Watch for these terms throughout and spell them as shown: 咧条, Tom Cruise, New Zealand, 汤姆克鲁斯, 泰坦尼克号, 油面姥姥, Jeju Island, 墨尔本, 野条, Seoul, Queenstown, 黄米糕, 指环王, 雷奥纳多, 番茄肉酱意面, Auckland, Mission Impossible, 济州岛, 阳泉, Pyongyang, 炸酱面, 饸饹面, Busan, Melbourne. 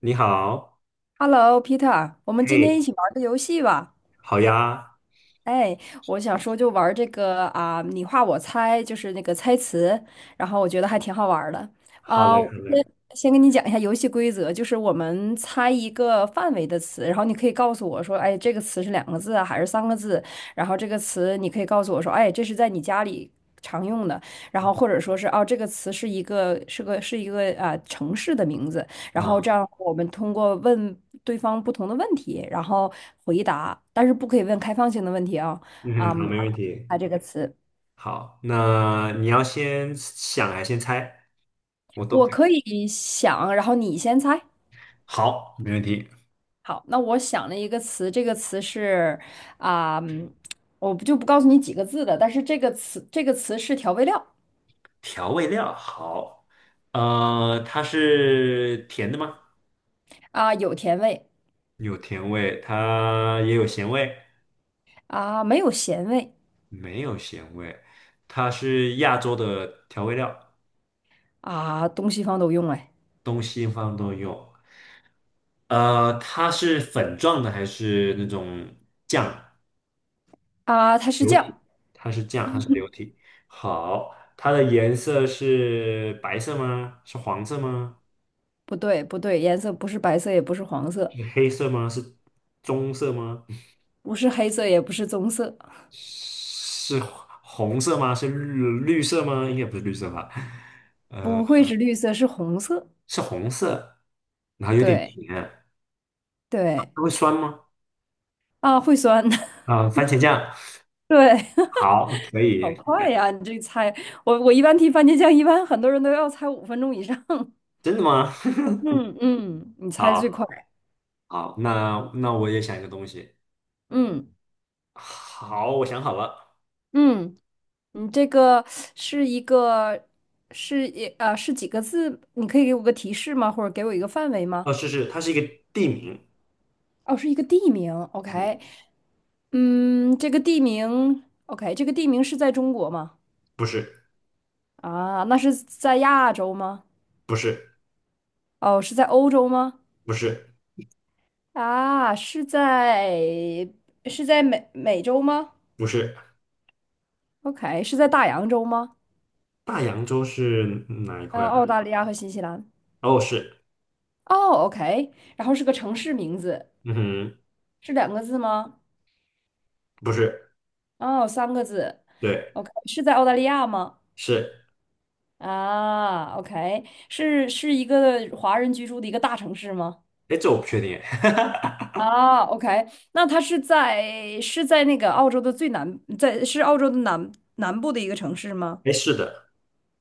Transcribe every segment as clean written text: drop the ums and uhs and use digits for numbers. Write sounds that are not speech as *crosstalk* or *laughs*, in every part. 你好，Hello,Peter,我们今天一嘿，起玩个游戏吧。好呀，哎，我想说就玩这个啊，你画我猜，就是那个猜词，然后我觉得还挺好玩儿的。好啊，嘞，我好先嘞，先跟你讲一下游戏规则，就是我们猜一个范围的词，然后你可以告诉我说，哎，这个词是两个字啊，还是三个字？然后这个词你可以告诉我说，哎，这是在你家里常用的，然后或者说是哦，这个词是一个是个是一个啊城市的名字。然后这啊，样我们通过问对方不同的问题，然后回答，但是不可以问开放性的问题啊。嗯，啊，嗯好，没然问后题。猜这个词，好，那你要先想还是先猜？我都我可以。可以想，然后你先猜。好，没问题。好，那我想了一个词，这个词是啊、嗯我不就不告诉你几个字的，但是这个词是调味料。调味料，好，它是甜的吗？有甜味。有甜味，它也有咸味，没有咸味。没有咸味。它是亚洲的调味料，东西方都用哎。东西方都有。它是粉状的还是那种酱？它是流酱，体，它是这样，它是流体。好，它的颜色是白色吗？是黄色吗？不对不对，颜色不是白色也不是黄色，是黑色吗？是棕色吗？不是黑色也不是棕色。是红色吗？是绿色吗？应该不是绿色吧？呃，不是绿色，是红色。是红色，然后有点对甜，对。它会酸吗？啊，会酸。*laughs* 啊、番茄酱，对，*laughs* 好，可好以，快呀！你这猜，我一般提番茄酱，一般很多人都要猜5分钟以上。*laughs* 真的吗？嗯嗯，你 *laughs* 猜好最快。好，那我也想一个东西。嗯好，我想好了。嗯，你这个是一个是一呃是几个字？你可以给我个提示吗？或者给我一个范围吗？哦，它是一个地名。哦，是一个地名。OK,嗯。嗯，这个地名，OK,这个地名是在中国吗？不是，啊，那是在亚洲吗？不是，哦，是在欧洲吗？不是，啊，是在是在美洲吗不是，？OK,是在大洋洲吗？大洋洲是哪一呃，块啊？澳大利亚和新西兰。哦，是，哦，OK,然后是个城市名字，嗯哼，是两个字吗？不是，哦，三个字。对，OK,是在澳大利亚吗？是，啊，OK,是一个华人居住的一个大城市吗？哎，这我不确定，哎，啊，OK,那它是在是在那个澳洲的最南，在是澳洲的南部的一个城市吗？*laughs* 哎，是的，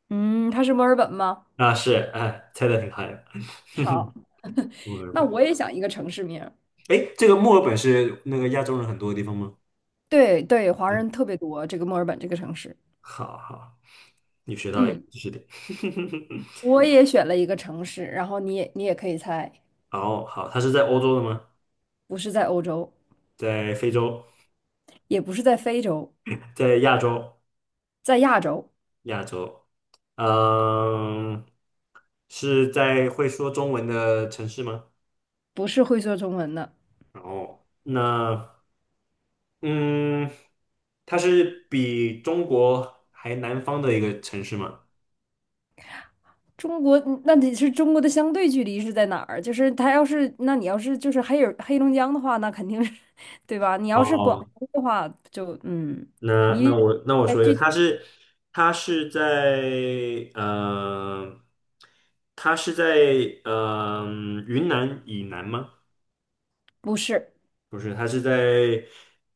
嗯，它是墨尔本吗？啊，是，哎，猜的挺好的，*laughs* 哼好，哼，墨尔那我本，也想一个城市名儿。哎，这个墨尔本是那个亚洲人很多的地方吗？对对，华嗯，人特别多，这个墨尔本这个城市。好好，你学到了一个嗯，知识点，*laughs* 我也选了一个城市，然后你也可以猜。哦，好，它是在欧洲的吗？不是在欧洲，在非洲，也不是在非洲，在亚洲，在亚洲，亚洲。嗯，是在会说中文的城市吗？不是会说中文的。然后，那嗯，它是比中国还南方的一个城市吗？中国，那得是中国的相对距离是在哪儿？就是它要是，那你要是就是黑龙江的话，那肯定是，*laughs* 对吧？你要是广哦，东的话，那你那我那我哎，说一个，这它是在它是在呃云南以南吗？不是，不是，它是在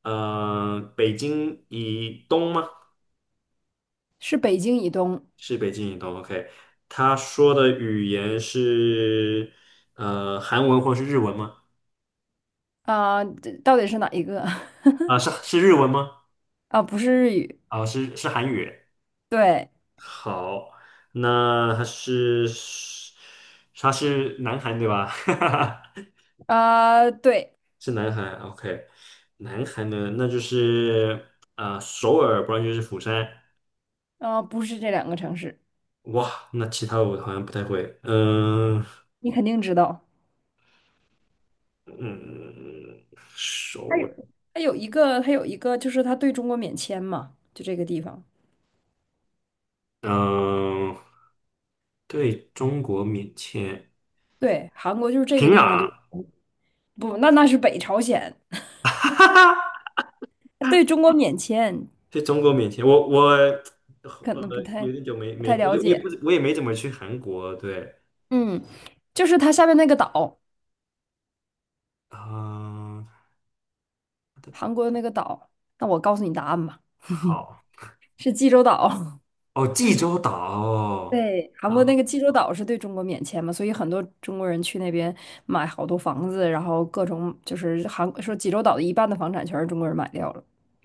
北京以东吗？是北京以东。是北京移动，OK。他说的语言是韩文或是日文吗？啊，这到底是哪一个？啊，*laughs* 是日文吗？啊，不是日语。啊，是韩语。对。好，那他是南韩对吧？啊，对。*laughs* 是南韩，OK。南韩呢，那就是啊、首尔，不然就是釜山。啊，不是这两个城市，哇，那其他我好像不太会。嗯、你肯定知道。嗯，它首有尔它有一个，就是它对中国免签嘛，就这个地方。嗯、对中国免签。对，韩国就是这平个地方对，壤不，那那是北朝鲜，它对中国免签，在中国面前，我可能不太有点久没没我了我也解。不我也没怎么去韩国，对，嗯，就是它下面那个岛，啊、它的韩国的那个岛。那我告诉你答案吧，好是济州岛。哦，济州岛哦，对，韩啊，国那个济州岛是对中国免签嘛，所以很多中国人去那边买好多房子，然后各种就是韩说济州岛的一半的房产全是中国人买掉了。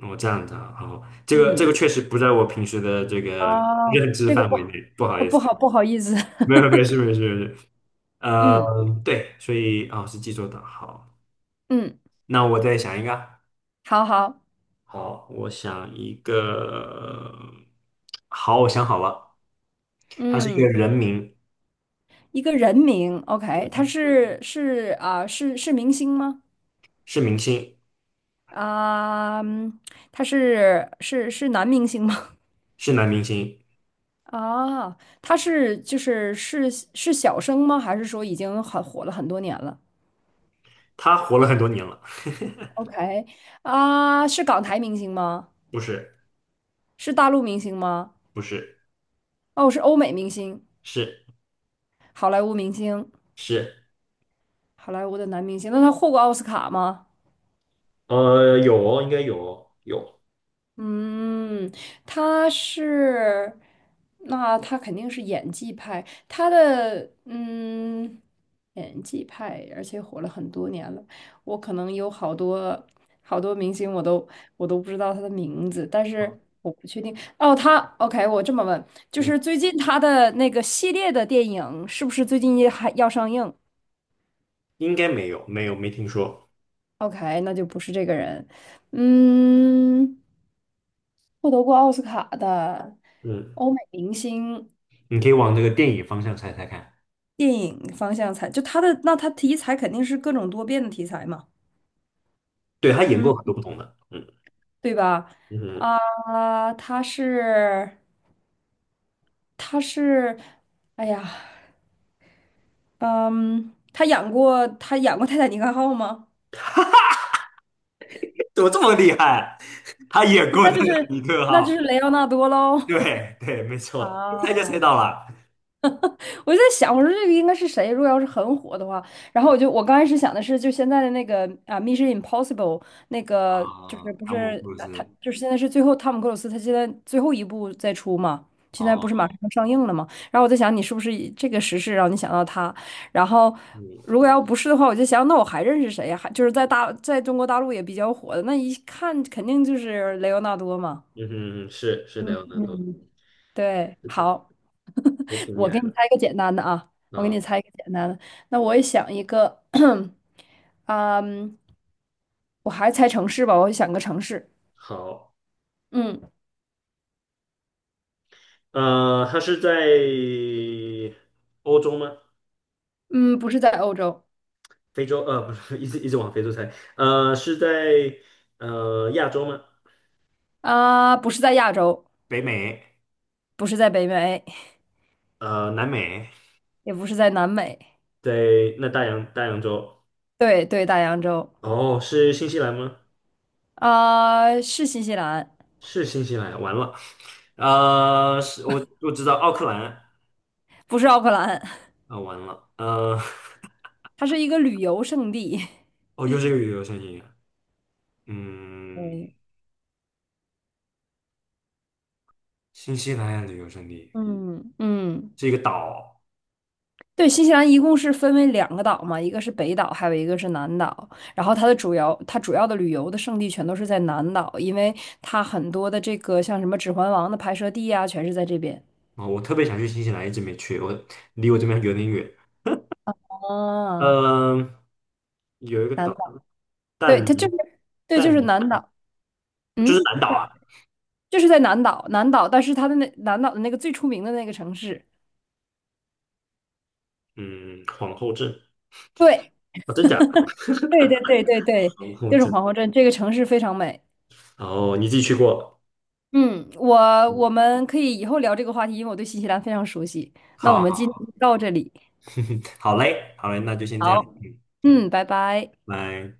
我这样的哦，这个嗯。确实不在我平时的这个 *laughs* 啊，认知这个范不围内，好，不好意思，不好意思。没 *laughs* 事没事没事，呃，嗯对，所以哦是济州岛，好，嗯，那我再想一个，好好。好，我想一个，好，我想好了，它是一个嗯，人名。一个人名，OK,他嗯是明星吗？是明星，啊、嗯他是男明星吗？是男明星，啊，他是是小生吗？还是说已经很火了很多年了他活了很多年了。？OK,啊，是港台明星吗？不是，是大陆明星吗？不是，哦，是欧美明星，是好莱坞明星，是，好莱坞的男明星。那他获过奥斯卡吗？呃，有哦，应该有哦，有。嗯，他是，那他肯定是演技派，他的嗯，演技派，而且火了很多年了。我可能有好多明星，我都不知道他的名字，但是我不确定。哦，他 OK,我这么问，就嗯，是最近他的那个系列的电影是不是最近也还要上映应该没有，没有，没听说。？OK,那就不是这个人。嗯，获得过奥斯卡的嗯，欧美明星。你可以往那个电影方向猜猜看。电影方向才，就他的，那他题材肯定是各种多变的题材嘛，对，他演嗯，过很多不同的。嗯对吧？嗯，啊、他是，他是，哎呀，嗯，他演过，他演过《泰坦尼克号》吗？怎么这么厉害？*laughs* 他演 *laughs* 过那的就是，《尼克号》。雷奥纳多喽。对对，没 *laughs* 错，一猜就猜啊。到了。我就在想，我说这个应该是谁？如果要是很火的话，然后我刚开始想的是，就现在的那个啊，《Mission Impossible》那个就是啊，不汤是姆·克鲁啊他斯。就是现在是最后汤姆克鲁斯他现在最后一部在出嘛，现在不是马哦，上要上映了嘛？然后我在想，你是不是以这个时事让你想到他？然后如嗯果要不是的话，我就想，那我还认识谁呀？还就是在中国大陆也比较火的，那一看肯定就是雷欧纳多嘛。嗯哼，是的，嗯有难度，嗯，对，是的，好。也挺厉我给害你的。猜一个简单的啊，我给啊，你猜一个简单的。那我也想一个，*clears throat* 嗯，我还猜城市吧，我想个城市。好。嗯它是在欧洲吗？嗯，不是在欧洲。非洲？不是，*laughs* 一直一直往非洲猜。是在亚洲吗？啊，不是在亚洲，北美，不是在北美，南美，也不是在南美，对，那大洋洲？对对，大洋洲。哦，是新西兰吗？啊，是新西兰，是新西兰，完了。是我知道奥克兰，不是奥克兰。啊、完了，*laughs* 它是一个旅游胜地。*laughs* 哦，又是一个旅游胜地，嗯，嗯，新西兰旅游胜地嗯嗯，是一个岛对，新西兰一共是分为2个岛嘛，一个是北岛，还有一个是南岛。然后它的主要，它主要的旅游的胜地全都是在南岛，因为它很多的这个像什么《指环王》的拍摄地啊，全是在这边。啊、我特别想去新西兰，一直没去，离我这边有点远。啊。嗯，有一个南岛，岛，对，它但就尼是，对，就但是尼南岛，就是嗯，南岛啊，就是在南岛，南岛，但是它的那南岛的那个最出名的那个城市，嗯，皇后镇对，哦，真假的？对对对对对，皇后就是镇，皇后镇，这个城市非常美。哦，你自己去过了嗯，我嗯，我们可以以后聊这个话题，因为我对新西兰非常熟悉。那我好们今好 天就到这里。*laughs* 好嘞，好嘞，那就先这样，好，嗯，嗯，拜拜。拜。